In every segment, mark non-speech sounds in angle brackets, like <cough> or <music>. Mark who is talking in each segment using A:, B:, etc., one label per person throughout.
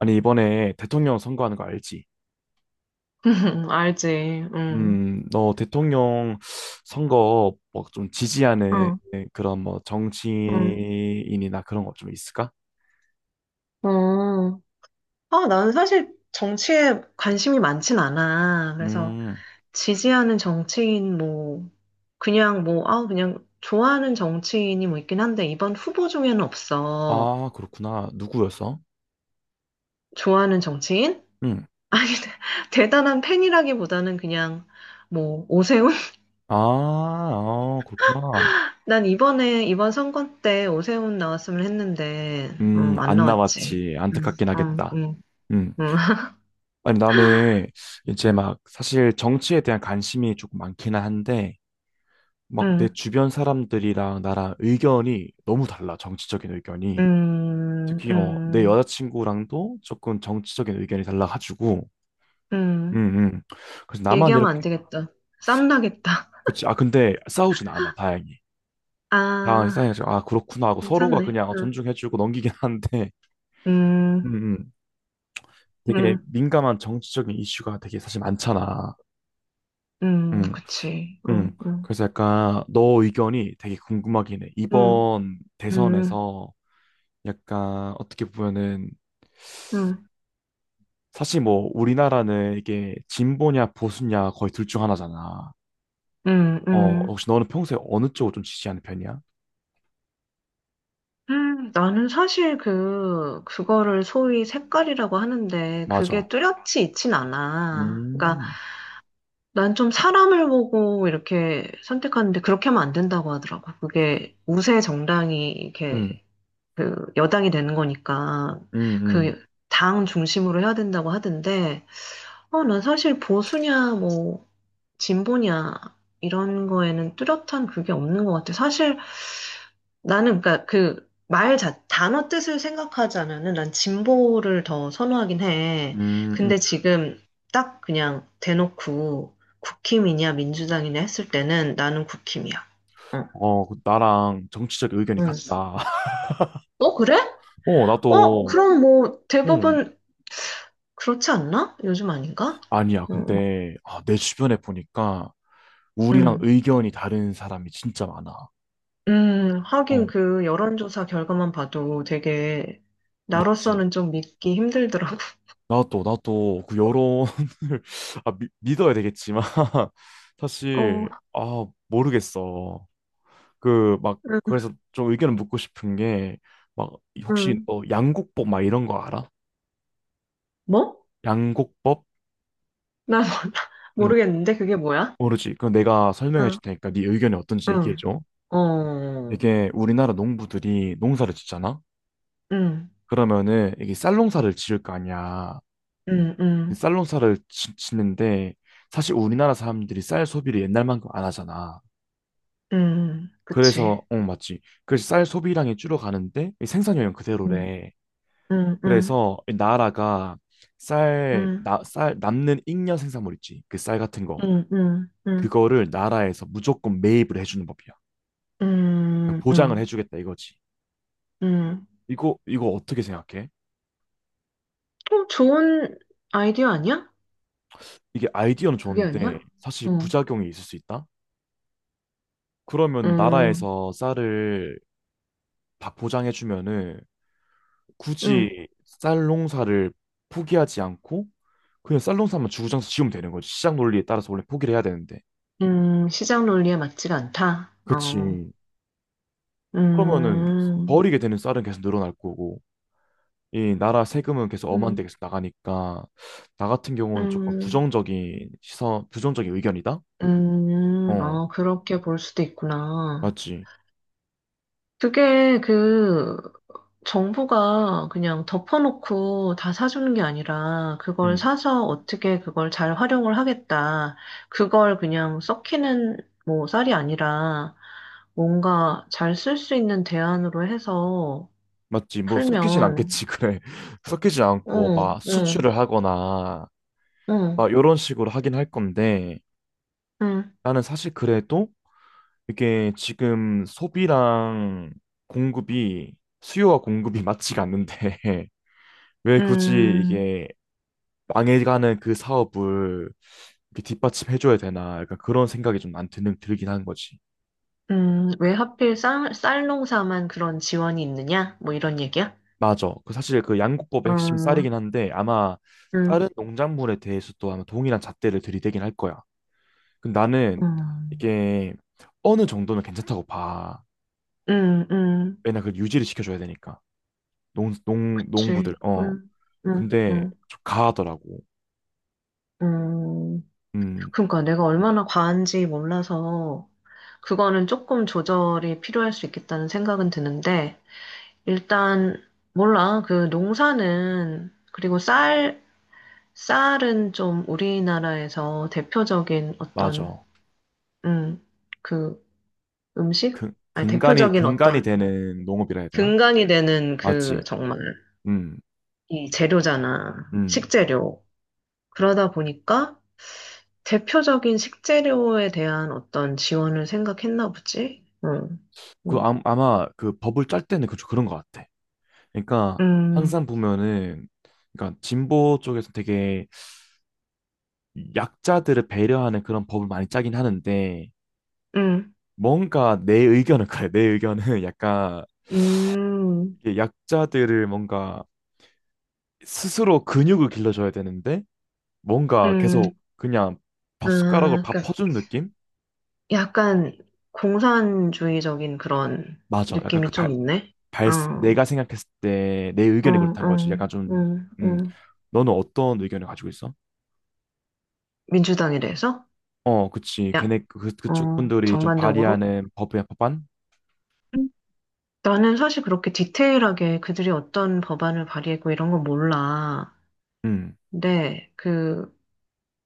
A: 아니, 이번에 대통령 선거하는 거 알지?
B: <laughs> 알지. 응.
A: 너 대통령 선거 뭐 좀 지지하는
B: 응.
A: 그런 뭐
B: 응.
A: 정치인이나 그런 거 좀 있을까?
B: 어. 아, 나는 사실 정치에 관심이 많진 않아. 그래서
A: 음,
B: 지지하는 정치인 뭐 그냥 뭐 아, 그냥 좋아하는 정치인이 뭐 있긴 한데 이번 후보 중에는 없어.
A: 아, 그렇구나. 누구였어?
B: 좋아하는 정치인?
A: 음,
B: 아니, <laughs> 대단한 팬이라기보다는 그냥 뭐 오세훈? <laughs>
A: 아, 아, 그렇구나.
B: 난 이번 선거 때 오세훈 나왔으면 했는데 어, 안
A: 안
B: 나왔지.
A: 나왔지.
B: 응.
A: 안타깝긴
B: 응.
A: 하겠다.
B: 응.
A: 음,
B: 응.
A: 아니, 나는 이제 막 사실 정치에 대한 관심이 조금 많기는 한데, 막 내
B: <laughs>
A: 주변 사람들이랑 나랑 의견이 너무 달라, 정치적인 의견이.
B: 음,
A: 특히 내
B: 음,
A: 여자친구랑도 조금 정치적인 의견이 달라가지고
B: 음.
A: 음, 음. 그래서 나만
B: 얘기하면 안
A: 이렇게
B: 되겠다. 쌈 나겠다.
A: 그치. 아 근데 싸우진 않아, 다행히. 다행히
B: 아,
A: 싸우지. 아 그렇구나 하고 서로가
B: 괜찮네.
A: 그냥
B: 응.
A: 존중해주고 넘기긴 하는데
B: 음,
A: 음, 음. 되게
B: 음,
A: 민감한 정치적인 이슈가 되게 사실 많잖아. 음,
B: 그치. 응, 응,
A: 그래서 약간 너 의견이 되게 궁금하긴 해
B: 응,
A: 이번
B: 응,
A: 대선에서. 약간 어떻게 보면은
B: 응,
A: 사실 뭐 우리나라는 이게 진보냐 보수냐 거의 둘 중 하나잖아.
B: 응,
A: 어,
B: 응.
A: 혹시 너는 평소에 어느 쪽을 좀 지지하는 편이야?
B: 나는 사실 그거를 소위 색깔이라고 하는데, 그게
A: 맞아.
B: 뚜렷이 있진 않아. 그러니까,
A: 음,
B: 난 좀 사람을 보고 이렇게 선택하는데, 그렇게 하면 안 된다고 하더라고. 그게 우세 정당이
A: 응,
B: 이렇게 그 여당이 되는 거니까
A: 음, 음,
B: 그 당 중심으로 해야 된다고 하던데 어, 난 사실 보수냐 뭐 진보냐 이런 거에는 뚜렷한 그게 없는 것 같아. 사실 나는 그러니까 그 말 자, 단어 뜻을 생각하자면은 난 진보를 더 선호하긴 해.
A: 음, 음.
B: 근데 지금 딱 그냥 대놓고 국힘이냐 민주당이냐 했을 때는 나는 국힘이야. 어,
A: 어, 그 나랑 정치적 의견이
B: 응.
A: 같다. <laughs>
B: 어, 그래?
A: 어,
B: 어,
A: 나도.
B: 그럼 뭐
A: 응,
B: 대부분 그렇지 않나? 요즘 아닌가?
A: 아니야.
B: 음,
A: 근데, 아, 내 주변에 보니까 우리랑
B: 음,
A: 의견이 다른 사람이 진짜 많아. 어,
B: 하긴 그 여론조사 결과만 봐도 되게
A: 맞지.
B: 나로서는 좀 믿기 힘들더라고.
A: 나도, 나도 그 여론을, <laughs> 아, 믿어야 되겠지만, <laughs>
B: 어,
A: 사실, 아, 모르겠어. 그 막
B: 음,
A: 그래서 좀 의견을 묻고 싶은 게 막 혹시
B: 음.
A: 너 양곡법 막 이런 거 알아?
B: 뭐?
A: 양곡법?
B: 나 몰라. <laughs>
A: 응.
B: 모르겠는데 그게 뭐야?
A: 모르지. 그럼 내가 설명해
B: 응,
A: 줄 테니까 네 의견이 어떤지 얘기해
B: 응,
A: 줘.
B: 어,
A: 이게 우리나라 농부들이 농사를 짓잖아.
B: 응,
A: 그러면은 이게 쌀농사를 지을 거 아니야.
B: 응,
A: 이
B: 응,
A: 쌀농사를 짓는데 사실 우리나라 사람들이 쌀 소비를 옛날만큼 안 하잖아.
B: 응, 그치.
A: 그래서 어, 맞지. 그래서 쌀 소비량이 줄어가는데 이 생산량은
B: 응,
A: 그대로래.
B: 응, 응,
A: 그래서 이 나라가
B: 응,
A: 쌀 남는 잉여 생산물 있지. 그 쌀 같은 거.
B: 응, 응, 응,
A: 그거를 나라에서 무조건 매입을 해주는 법이야. 그러니까
B: 응,
A: 보장을
B: 응,
A: 해주겠다 이거지.
B: 응.
A: 이거 이거 어떻게 생각해?
B: 좀 좋은 아이디어 아니야?
A: 이게 아이디어는
B: 그게
A: 좋은데
B: 아니야?
A: 사실
B: 어,
A: 부작용이 있을 수 있다? 그러면
B: 음,
A: 나라에서 쌀을 다 보장해주면은
B: 음,
A: 굳이 쌀 농사를 포기하지 않고 그냥 쌀 농사만 주구장창 지으면 되는 거지. 시장 논리에 따라서 원래 포기를 해야 되는데.
B: 시장 논리에 맞지가 않다. 어,
A: 그치. 그러면은
B: 음,
A: 버리게 되는 쌀은 계속 늘어날 거고 이 나라 세금은 계속 엄한데
B: 음,
A: 계속 나가니까 나 같은 경우는 조금
B: 음,
A: 부정적인 시선, 부정적인 의견이다? 어,
B: 어, 그렇게 볼 수도 있구나.
A: 맞지.
B: 그게 그 정부가 그냥 덮어놓고 다 사주는 게 아니라 그걸
A: 응
B: 사서 어떻게 그걸 잘 활용을 하겠다. 그걸 그냥 썩히는 뭐 쌀이 아니라 뭔가 잘 쓸 수 있는 대안으로 해서
A: 맞지. 뭐 섞이진
B: 풀면,
A: 않겠지. 그래. <laughs> 섞이지 않고
B: 응,
A: 막
B: 응,
A: 수출을 하거나
B: 응,
A: 막 이런 식으로 하긴 할 건데
B: 응,
A: 나는 사실 그래도 이게 지금 소비랑 공급이 수요와 공급이 맞지가 않는데 <laughs> 왜 굳이
B: 음,
A: 이게 망해가는 그 사업을 이렇게 뒷받침해줘야 되나 약간 그런 생각이 좀 안 드는 들긴 한 거지.
B: 왜 하필 쌀 농사만 그런 지원이 있느냐? 뭐 이런 얘기야?
A: 맞아. 그 사실 그 양국법의 핵심 쌀이긴
B: 음,
A: 한데 아마
B: 음,
A: 다른 농작물에 대해서도 아마 동일한 잣대를 들이대긴 할 거야. 근데 나는
B: 음,
A: 이게 어느 정도는 괜찮다고 봐.
B: 음, 음,
A: 왜냐 그 유지를 시켜줘야 되니까 농 농 농부들.
B: 그치.
A: 어.
B: 음,
A: 근데
B: 음.
A: 좀 가하더라고.
B: 음,
A: 음
B: 그러니까 내가 얼마나 과한지 몰라서 그거는 조금 조절이 필요할 수 있겠다는 생각은 드는데 일단 몰라. 그 농사는 그리고 쌀 쌀은 좀 우리나라에서 대표적인 어떤
A: 맞아.
B: 음, 그 음식?
A: 근
B: 아니
A: 근간이
B: 대표적인
A: 근간이
B: 어떤
A: 되는 농업이라 해야 되나?
B: 근간이 되는 그
A: 맞지.
B: 정말
A: 음
B: 이 재료잖아.
A: 음.
B: 식재료. 그러다 보니까 대표적인 식재료에 대한 어떤 지원을 생각했나 보지? 응,
A: 그
B: 응,
A: 아, 아마 그 법을 짤 때는 그 그런 것 같아. 그러니까
B: 음,
A: 항상 보면은 그러니까 진보 쪽에서 되게 약자들을 배려하는 그런 법을 많이 짜긴 하는데
B: 음,
A: 뭔가 내 의견은 <laughs> 그래. 내 의견은 <laughs> 약간
B: 음, 음,
A: 이게 약자들을 뭔가 스스로 근육을 길러줘야 되는데 뭔가 계속 그냥 밥 숟가락으로
B: 아,
A: 밥
B: 그러니까
A: 퍼주는 느낌?
B: 약간 공산주의적인 그런
A: 맞아. 약간
B: 느낌이
A: 그
B: 좀 있네.
A: 발,
B: 어,
A: 내가 생각했을 때 내
B: 어,
A: 의견이 그렇다는 거지.
B: 어,
A: 약간 좀,
B: 음,
A: 음,
B: 음.
A: 너는 어떤 의견을 가지고 있어?
B: 민주당에 대해서?
A: 어, 그치.
B: 야,
A: 걔네 그, 그쪽
B: 어,
A: 분들이 좀
B: 전반적으로?
A: 발의하는 법의 법안?
B: 음, 나는 사실 그렇게 디테일하게 그들이 어떤 법안을 발의했고 이런 건 몰라.
A: 음.
B: 근데 그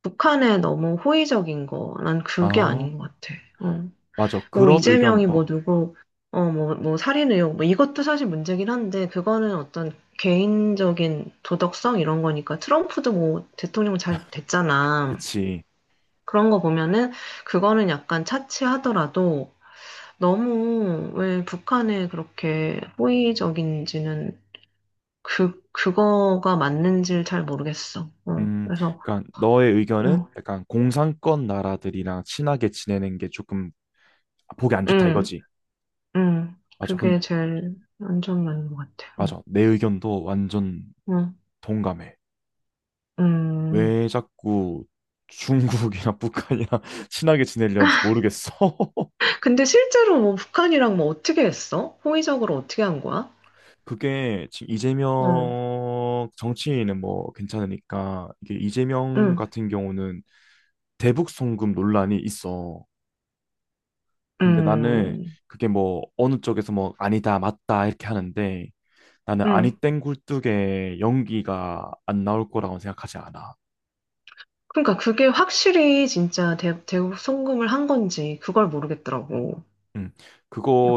B: 북한에 너무 호의적인 거, 난 그게
A: 아,
B: 아닌 것 같아. 어.
A: 맞아.
B: 뭐,
A: 그런 의견,
B: 이재명이 뭐
A: 어,
B: 누구, 어, 뭐, 뭐 살인 의혹, 뭐 이것도 사실 문제긴 한데, 그거는 어떤 개인적인 도덕성 이런 거니까, 트럼프도 뭐 대통령 잘 됐잖아.
A: 그치.
B: 그런 거 보면은, 그거는 약간 차치하더라도, 너무 왜 북한에 그렇게 호의적인지는 그거가 맞는지를 잘 모르겠어. 어,
A: 음,
B: 그래서,
A: 그러니까 너의 의견은
B: 응,
A: 약간 공산권 나라들이랑 친하게 지내는 게 조금 보기 안 좋다
B: 응.
A: 이거지. 맞아.
B: 그게
A: 근
B: 제일 안전한 것 같아요.
A: 맞아. 내 의견도 완전
B: 음,
A: 동감해.
B: 음.
A: 왜 자꾸 중국이나 북한이랑 <laughs> 친하게 지내려는지 모르겠어. <laughs>
B: 근데 실제로 뭐 북한이랑 뭐 어떻게 했어? 호의적으로 어떻게 한 거야?
A: 그게 지금
B: 응
A: 이재명 정치인은 뭐 괜찮으니까 이게 이재명
B: 응
A: 같은 경우는 대북 송금 논란이 있어.
B: 응
A: 근데 나는 그게 뭐 어느 쪽에서 뭐 아니다 맞다 이렇게 하는데 나는 아니
B: 응.
A: 땡 굴뚝에 연기가 안 나올 거라고 생각하지 않아.
B: 그러니까 그게 확실히 진짜 대북 송금을 한 건지 그걸 모르겠더라고.
A: 음.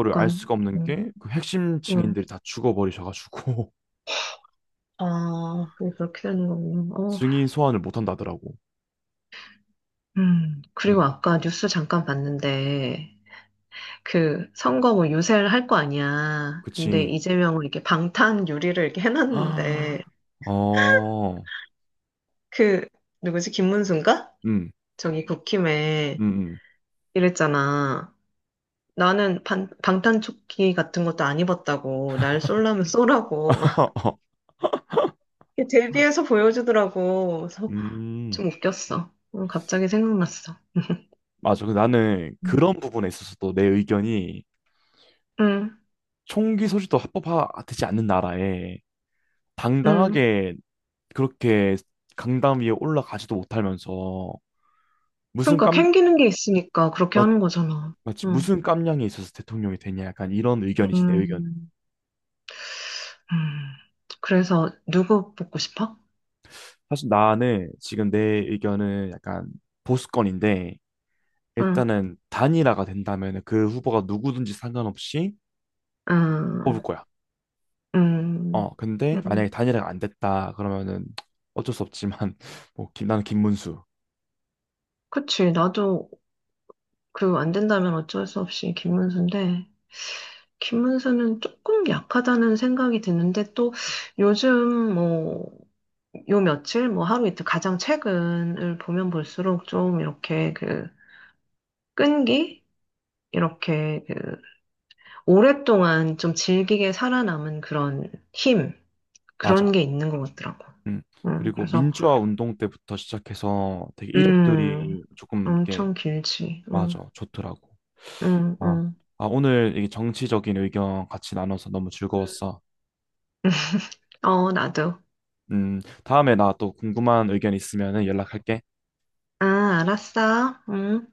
A: 그거를 알 수가 없는
B: 응
A: 게 그 핵심
B: 응.
A: 증인들이 다 죽어버리셔가지고
B: 아, 그게 그렇게 되는 거군요.
A: <laughs>
B: 어,
A: 증인 소환을 못 한다더라고. 음,
B: 그리고 아까 뉴스 잠깐 봤는데, 그 선거 뭐 유세를 할 거 아니야. 근데
A: 그치.
B: 이재명을 이렇게 방탄 유리를 이렇게
A: <gasps>
B: 해놨는데
A: 어,
B: 그 누구지 김문수인가?
A: 음,
B: 저기 국힘에
A: 음.
B: 이랬잖아. 나는 방탄조끼 같은 것도 안 입었다고 날 쏠라면 쏘라고 막
A: <laughs>
B: <laughs> 데뷔해서 보여주더라고. 그래서
A: 음,
B: 좀 웃겼어. 어, 갑자기 생각났어.
A: 맞아. 근데 나는
B: 응,
A: 그런 부분에 있어서도 내 의견이
B: 응.
A: 총기 소지도 합법화되지 않는 나라에
B: 응.
A: 당당하게 그렇게 강당 위에 올라가지도 못하면서 무슨
B: 그러니까
A: 깜,
B: 캥기는 게 있으니까 그렇게
A: 맞,
B: 하는 거잖아.
A: 맞지?
B: 응.
A: 무슨 깜냥이 있어서 대통령이 되냐? 약간 이런 의견이지, 내 의견은.
B: 음, 음. 그래서 누구 뽑고 싶어?
A: 사실 나는 지금 내 의견은 약간 보수권인데
B: 응,
A: 일단은 단일화가 된다면 그 후보가 누구든지 상관없이 뽑을
B: 응,
A: 거야.
B: 응,
A: 어, 근데
B: 응.
A: 만약에 단일화가 안 됐다 그러면은 어쩔 수 없지만 <laughs> 뭐 김, 나는 김문수.
B: 그치. 나도 그 안 된다면 어쩔 수 없이 김문수인데, 김문수는 조금 약하다는 생각이 드는데, 또 요즘 뭐, 요 며칠, 뭐 하루 이틀 가장 최근을 보면 볼수록 좀 이렇게 그 끈기? 이렇게 그 오랫동안 좀 질기게 살아남은 그런 힘,
A: 맞아.
B: 그런 게 있는 것 같더라고.
A: 음.
B: 응,
A: 그리고
B: 그래서
A: 민주화 운동 때부터 시작해서 되게
B: 음,
A: 이력들이 조금 이렇게
B: 엄청 길지. 응,
A: 맞아 좋더라고.
B: 응,
A: 아,
B: 응.
A: 아 오늘 이 정치적인 의견 같이 나눠서 너무
B: 응.
A: 즐거웠어.
B: 어, 나도.
A: 다음에 나 또 궁금한 의견 있으면 연락할게.
B: 아, 알았어. 응.